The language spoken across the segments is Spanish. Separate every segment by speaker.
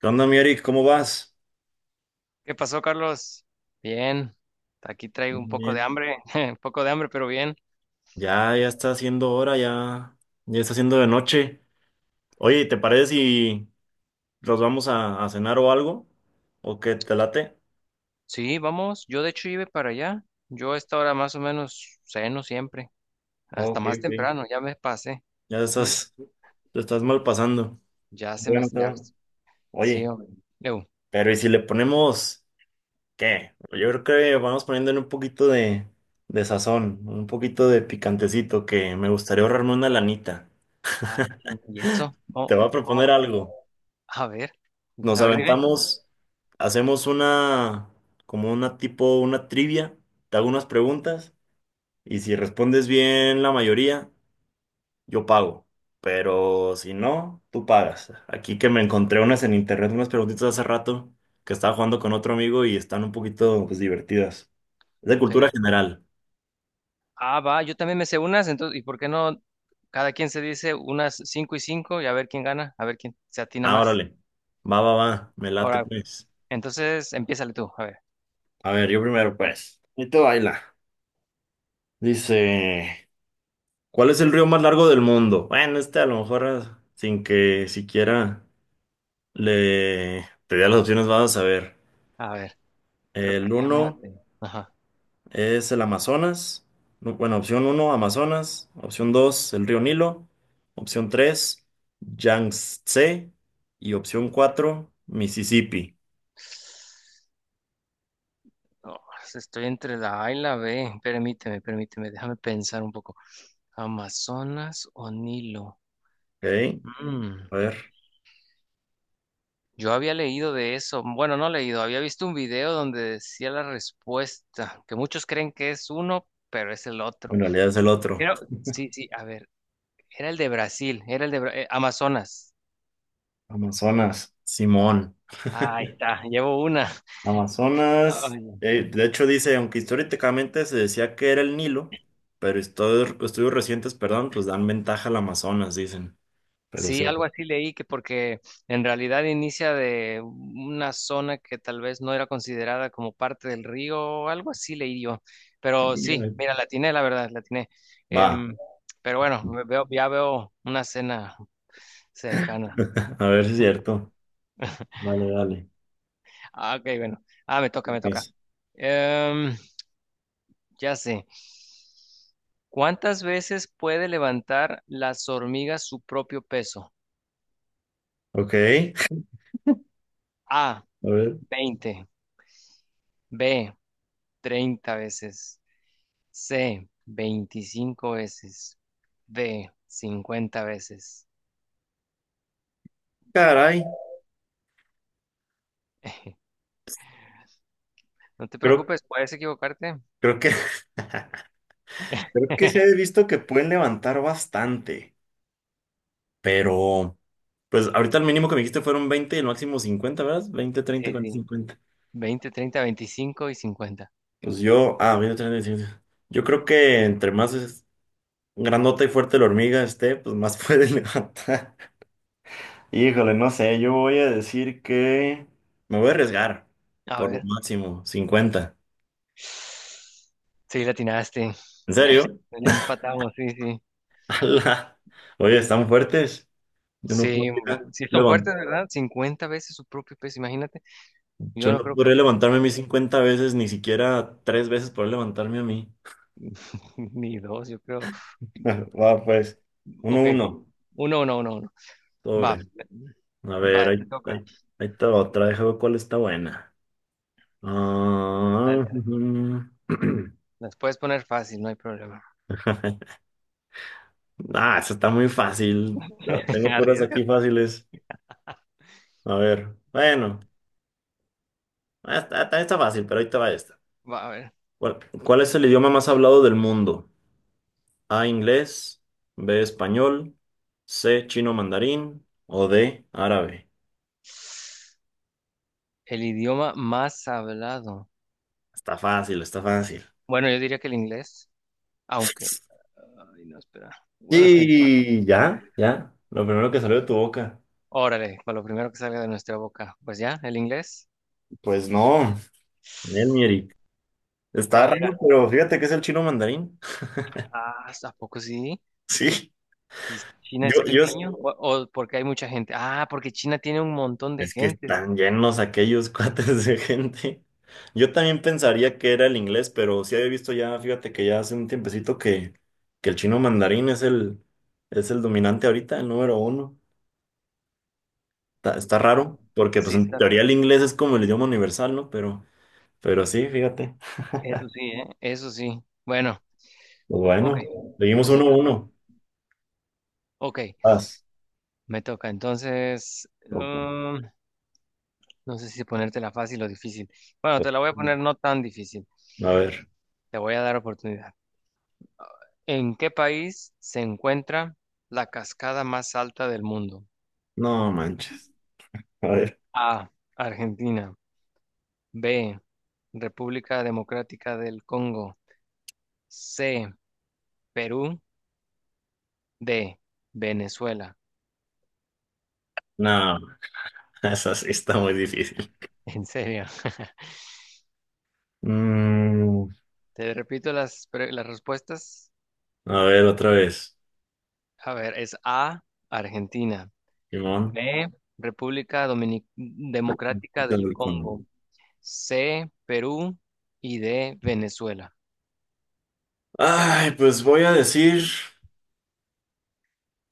Speaker 1: ¿Qué onda, mi Eric? ¿Cómo vas?
Speaker 2: ¿Qué pasó, Carlos? Bien, aquí traigo
Speaker 1: Bien,
Speaker 2: un poco de
Speaker 1: bien.
Speaker 2: hambre, un poco de hambre, pero bien.
Speaker 1: Ya, ya está haciendo hora, ya, ya está haciendo de noche. Oye, ¿te parece si los vamos a cenar o algo? ¿O qué te late?
Speaker 2: Sí, vamos, yo de hecho iba para allá. Yo a esta hora más o menos ceno siempre, hasta
Speaker 1: Ok,
Speaker 2: más
Speaker 1: ok.
Speaker 2: temprano, ya me pasé.
Speaker 1: Ya estás, te estás mal pasando.
Speaker 2: Ya se me.
Speaker 1: Bueno, está
Speaker 2: Ya,
Speaker 1: bueno.
Speaker 2: sí,
Speaker 1: Oye,
Speaker 2: hombre. Eu,
Speaker 1: pero ¿y si le ponemos qué? Yo creo que vamos poniéndole un poquito de sazón, un poquito de picantecito, que me gustaría ahorrarme una lanita.
Speaker 2: Ay, ¿y eso?
Speaker 1: Te
Speaker 2: ¿Cómo?
Speaker 1: voy a
Speaker 2: ¿Cómo?
Speaker 1: proponer algo.
Speaker 2: A ver,
Speaker 1: Nos
Speaker 2: a ver, dime.
Speaker 1: aventamos, hacemos una, como una tipo, una trivia, te hago unas preguntas y si respondes bien la mayoría, yo pago. Pero si no, tú pagas. Aquí que me encontré unas en internet, unas preguntitas hace rato que estaba jugando con otro amigo y están un poquito, pues, divertidas. Es de
Speaker 2: Ok.
Speaker 1: cultura general.
Speaker 2: Ah, va, yo también me sé unas, entonces, ¿y por qué no cada quien se dice unas cinco y cinco y a ver quién gana, a ver quién se atina
Speaker 1: Ah,
Speaker 2: más?
Speaker 1: órale. Va, va, va. Me late,
Speaker 2: Ahora,
Speaker 1: pues.
Speaker 2: entonces, empiézale tú, a ver.
Speaker 1: A ver, yo primero, pues. Y te baila. Dice. ¿Cuál es el río más largo del mundo? Bueno, este a lo mejor ah, sin que siquiera le te dé las opciones vas a saber.
Speaker 2: A ver, creo
Speaker 1: El
Speaker 2: que ya me la
Speaker 1: uno
Speaker 2: tengo. Ajá.
Speaker 1: es el Amazonas. No, bueno, opción uno Amazonas. Opción 2 el río Nilo. Opción 3 Yangtze. Y opción 4 Mississippi.
Speaker 2: No, pues, estoy entre la A y la B. Permíteme, déjame pensar un poco. ¿Amazonas o Nilo?
Speaker 1: Ok,
Speaker 2: Mm,
Speaker 1: a ver,
Speaker 2: Yo había leído de eso. Bueno, no leído, había visto un video donde decía la respuesta, que muchos creen que es uno, pero es el otro.
Speaker 1: en realidad es el otro.
Speaker 2: Pero, sí, sí, a ver, era el de Brasil, era el de Amazonas.
Speaker 1: Amazonas, Simón.
Speaker 2: Ah, ahí está, llevo una.
Speaker 1: Amazonas,
Speaker 2: Ay,
Speaker 1: de hecho dice, aunque históricamente se decía que era el Nilo, pero estudios recientes, perdón, pues dan ventaja al Amazonas, dicen. Pero
Speaker 2: sí,
Speaker 1: sí.
Speaker 2: algo así leí que porque en realidad inicia de una zona que tal vez no era considerada como parte del río, algo así leí yo. Pero sí, mira, la atiné, la verdad, la atiné.
Speaker 1: Va,
Speaker 2: Em, pero bueno, me veo, ya veo una cena cercana.
Speaker 1: a ver si es cierto. Dale, dale.
Speaker 2: Ah, ok, bueno. Ah, me toca, me toca.
Speaker 1: Vas.
Speaker 2: Em, ya sé. ¿Cuántas veces puede levantar las hormigas su propio peso?
Speaker 1: Ok, a
Speaker 2: A,
Speaker 1: ver.
Speaker 2: 20, B, 30 veces, C, 25 veces. D, 50 veces.
Speaker 1: Caray,
Speaker 2: No te
Speaker 1: creo,
Speaker 2: preocupes, puedes equivocarte.
Speaker 1: creo que, creo que se ha visto que pueden levantar bastante, pero pues ahorita el mínimo que me dijiste fueron 20 y el máximo 50, ¿verdad? 20, 30,
Speaker 2: Sí,
Speaker 1: 40,
Speaker 2: sí.
Speaker 1: 50.
Speaker 2: 20, 30, 25 y cincuenta.
Speaker 1: Pues yo, ah, mira, yo creo que entre más grandota y fuerte la hormiga esté, pues más puede levantar. Híjole, no sé, yo voy a decir que me voy a arriesgar
Speaker 2: A
Speaker 1: por lo
Speaker 2: ver.
Speaker 1: máximo, 50.
Speaker 2: Sí, la atinaste.
Speaker 1: ¿En serio?
Speaker 2: Ya empatamos, sí, sí.
Speaker 1: Ala. Oye, están fuertes. Yo no
Speaker 2: Sí, hombre.
Speaker 1: podría
Speaker 2: Sí son
Speaker 1: levan-
Speaker 2: fuertes, ¿verdad? 50 veces su propio peso, imagínate. Yo
Speaker 1: yo
Speaker 2: no
Speaker 1: no
Speaker 2: creo que
Speaker 1: podría levantarme a mí 50 veces, ni siquiera tres veces poder levantarme a mí.
Speaker 2: ni dos, yo creo.
Speaker 1: Va, pues, uno,
Speaker 2: Ok,
Speaker 1: uno,
Speaker 2: uno, uno, uno, uno. Va,
Speaker 1: sobre. A
Speaker 2: va,
Speaker 1: ver,
Speaker 2: te
Speaker 1: ahí,
Speaker 2: toca.
Speaker 1: ahí, ahí está otra, déjame ver cuál está buena.
Speaker 2: Dale,
Speaker 1: Ah,
Speaker 2: dale.
Speaker 1: ujú.
Speaker 2: Las puedes poner fácil, no hay problema.
Speaker 1: Ah, eso está muy fácil. Ah, tengo puras
Speaker 2: Arriesga.
Speaker 1: aquí fáciles. A ver, bueno, ah, está fácil, pero ahí te va esta.
Speaker 2: Va a ver,
Speaker 1: ¿Cuál es el idioma más hablado del mundo? A, inglés, B, español, C, chino mandarín o D, árabe.
Speaker 2: el idioma más hablado.
Speaker 1: Está fácil, está fácil.
Speaker 2: Bueno, yo diría que el inglés, aunque. Ay, no, espera. Bueno, es que.
Speaker 1: Y ya, ya, lo primero que salió de tu boca.
Speaker 2: Órale, para lo primero que salga de nuestra boca. Pues ya, el inglés.
Speaker 1: Pues no, nel, mi Eric. Está
Speaker 2: ¿Cuál era?
Speaker 1: raro, pero fíjate que es el chino mandarín.
Speaker 2: Ah, ¿a poco sí?
Speaker 1: Sí.
Speaker 2: ¿Y China es
Speaker 1: Yo,
Speaker 2: pequeño? ¿O porque hay mucha gente? Ah, porque China tiene un montón de
Speaker 1: es que
Speaker 2: gente.
Speaker 1: están llenos aquellos cuates de gente. Yo también pensaría que era el inglés, pero sí había visto ya, fíjate que ya hace un tiempecito que el chino mandarín es el dominante ahorita, el número uno. Está
Speaker 2: Wow.
Speaker 1: raro, porque pues
Speaker 2: Sí,
Speaker 1: en
Speaker 2: está
Speaker 1: teoría
Speaker 2: raro.
Speaker 1: el inglés es como el idioma universal, ¿no? Pero sí, fíjate.
Speaker 2: Eso sí, ¿eh? Eso sí. Bueno,
Speaker 1: Pues
Speaker 2: ok.
Speaker 1: bueno, seguimos
Speaker 2: Pues,
Speaker 1: uno a
Speaker 2: entonces-
Speaker 1: uno.
Speaker 2: ok,
Speaker 1: Vas.
Speaker 2: me toca. Entonces,
Speaker 1: Ok,
Speaker 2: no sé si ponértela fácil o difícil. Bueno,
Speaker 1: pues,
Speaker 2: te la voy a poner no tan difícil.
Speaker 1: a ver.
Speaker 2: Te voy a dar oportunidad. ¿En qué país se encuentra la cascada más alta del mundo?
Speaker 1: No manches. A ver.
Speaker 2: A. Argentina. B. República Democrática del Congo. C. Perú. D. Venezuela.
Speaker 1: No, esa sí está muy difícil.
Speaker 2: En serio.
Speaker 1: Mm.
Speaker 2: Te repito las respuestas.
Speaker 1: A ver, otra vez.
Speaker 2: A ver, es A, Argentina.
Speaker 1: Simón.
Speaker 2: B, República Democrática
Speaker 1: Quitando
Speaker 2: del
Speaker 1: el cono.
Speaker 2: Congo. C, Perú y D, Venezuela.
Speaker 1: Ay, pues voy a decir,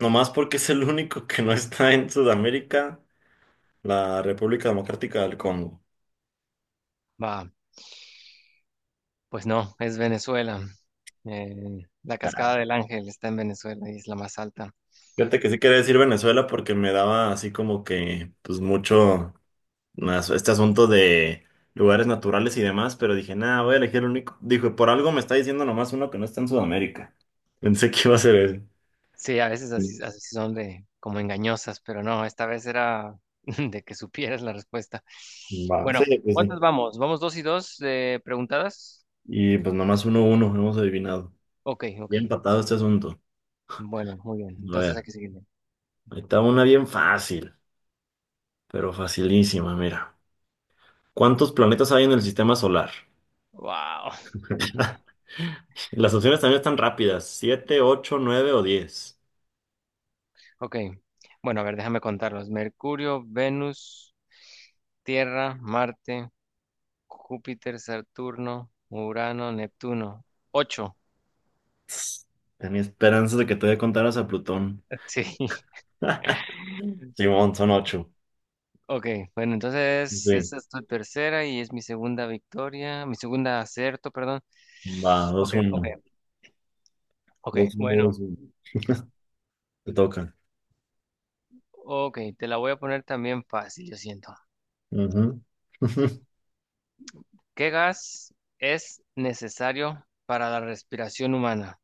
Speaker 1: nomás porque es el único que no está en Sudamérica, la República Democrática del Congo.
Speaker 2: Va, pues no, es Venezuela. Eh, la
Speaker 1: Claro.
Speaker 2: Cascada del Ángel está en Venezuela y es la más alta.
Speaker 1: Fíjate que sí quería decir Venezuela porque me daba así como que, pues mucho más este asunto de lugares naturales y demás, pero dije, nada, voy a elegir el único. Dijo, por algo me está diciendo nomás uno que no está en Sudamérica. Pensé que iba a ser ese.
Speaker 2: Sí, a veces así, así son de como engañosas, pero no, esta vez era de que supieras la respuesta.
Speaker 1: Va. Sí,
Speaker 2: Bueno,
Speaker 1: pues sí.
Speaker 2: ¿cuántas vamos? ¿Vamos dos y dos preguntadas?
Speaker 1: Y pues nomás uno, uno, hemos adivinado.
Speaker 2: Ok, ok.
Speaker 1: Bien empatado este asunto.
Speaker 2: Bueno, muy bien.
Speaker 1: A
Speaker 2: Entonces hay
Speaker 1: ver,
Speaker 2: que seguirle.
Speaker 1: ahí está una bien fácil, pero facilísima, mira. ¿Cuántos planetas hay en el sistema solar?
Speaker 2: Wow.
Speaker 1: Las opciones también están rápidas, siete, ocho, nueve o 10.
Speaker 2: Ok. Bueno, a ver, déjame contarlos. Mercurio, Venus, Tierra, Marte. Júpiter, Saturno, Urano, Neptuno. Ocho.
Speaker 1: Tenía esperanzas de que todavía contaras a Plutón.
Speaker 2: Sí,
Speaker 1: Simón, son ocho.
Speaker 2: ok. Bueno, entonces
Speaker 1: Sí.
Speaker 2: esta es tu tercera y es mi segunda victoria, mi segunda acierto, perdón.
Speaker 1: Va, dos,
Speaker 2: Ok, ok,
Speaker 1: uno. Dos,
Speaker 2: ok.
Speaker 1: uno, dos,
Speaker 2: Bueno,
Speaker 1: uno. Te toca.
Speaker 2: ok, te la voy a poner también fácil, yo siento.
Speaker 1: Ujú.
Speaker 2: ¿Qué gas es necesario para la respiración humana?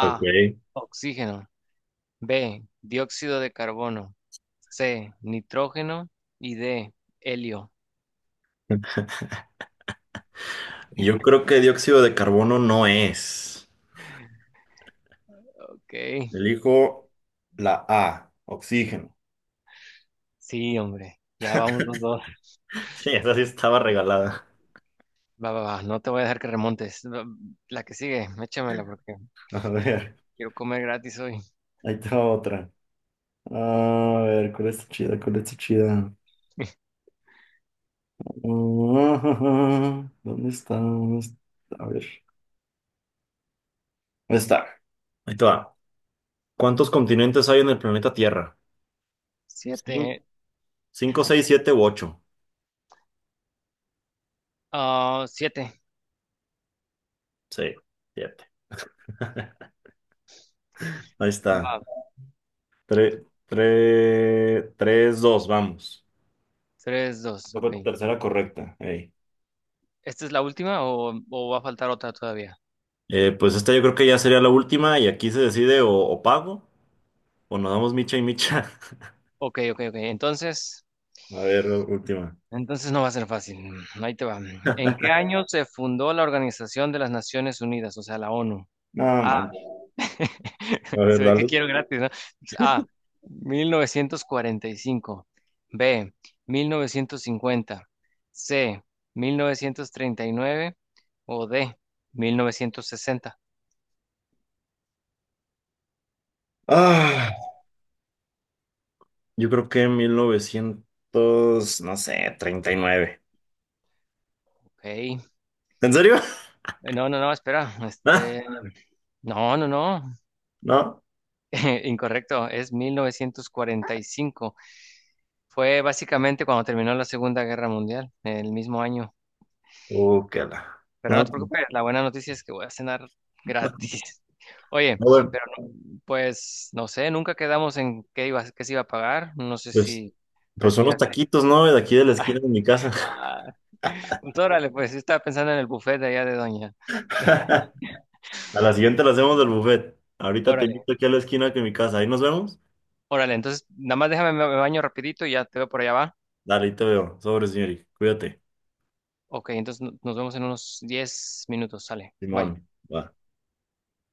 Speaker 1: Ok.
Speaker 2: oxígeno. B, dióxido de carbono. C, nitrógeno. Y D, helio.
Speaker 1: Yo creo que dióxido de carbono no es.
Speaker 2: Ok.
Speaker 1: Elijo la A, oxígeno.
Speaker 2: Sí, hombre. Ya vamos los dos.
Speaker 1: Sí, esa sí estaba regalada.
Speaker 2: Va, va, va. No te voy a dejar que remontes. La que sigue, échamela porque
Speaker 1: A ver,
Speaker 2: quiero comer gratis hoy.
Speaker 1: ahí está otra. A ver, ¿cuál está chida? ¿Cuál está chida? Ah, ¿dónde está? ¿Dónde está? A ver, ¿dónde está? Ahí te va. ¿Cuántos continentes hay en el planeta Tierra? Cin-
Speaker 2: Siete.
Speaker 1: Cinco, seis, siete u ocho.
Speaker 2: Ah, siete.
Speaker 1: Sí, siete. Ahí está.
Speaker 2: Va.
Speaker 1: Tres, tres, tres, dos, vamos.
Speaker 2: Tres, dos.
Speaker 1: Esa fue
Speaker 2: Ok.
Speaker 1: tu tercera correcta. Ey.
Speaker 2: ¿Esta es la última o va a faltar otra todavía?
Speaker 1: Pues esta yo creo que ya sería la última y aquí se decide o pago o nos damos micha y micha.
Speaker 2: Ok, ok, ok. Entonces,
Speaker 1: A ver, última.
Speaker 2: entonces no va a ser fácil. Ahí te va. ¿En qué año se fundó la Organización de las Naciones Unidas, o sea, la ONU?
Speaker 1: No manches. A ver,
Speaker 2: Se ve que
Speaker 1: dale.
Speaker 2: quiero gratis, ¿no? A, 1945. B, 1950. C, 1939. O D, 1960.
Speaker 1: Ah, yo creo que 1900, no sé, 39.
Speaker 2: Ok.
Speaker 1: ¿En serio?
Speaker 2: No, no, no, espera.
Speaker 1: ¿Ah?
Speaker 2: Este, no, no, no.
Speaker 1: ¿No?
Speaker 2: Incorrecto. Es 1945. Fue básicamente cuando terminó la Segunda Guerra Mundial, el mismo año.
Speaker 1: Qué la.
Speaker 2: Pero no
Speaker 1: No,
Speaker 2: te preocupes, la buena noticia es que voy a cenar
Speaker 1: no,
Speaker 2: gratis. Oye,
Speaker 1: bueno,
Speaker 2: pero pues no sé, nunca quedamos en qué iba, qué se iba a pagar. No sé
Speaker 1: pues,
Speaker 2: si
Speaker 1: pues unos
Speaker 2: prefieras.
Speaker 1: taquitos, ¿no? De aquí de la esquina de mi casa.
Speaker 2: Ah, pues órale, pues yo estaba pensando en el buffet de allá de Doña.
Speaker 1: A la siguiente la hacemos del buffet. Ahorita te
Speaker 2: Órale,
Speaker 1: invito aquí a la esquina de mi casa. Ahí nos vemos.
Speaker 2: órale, entonces nada más déjame, me baño rapidito y ya te veo por allá va.
Speaker 1: Dale, ahí te veo. Sobre, señorita. Cuídate.
Speaker 2: Ok, entonces nos vemos en unos 10 minutos, sale. Bye.
Speaker 1: Simón, va.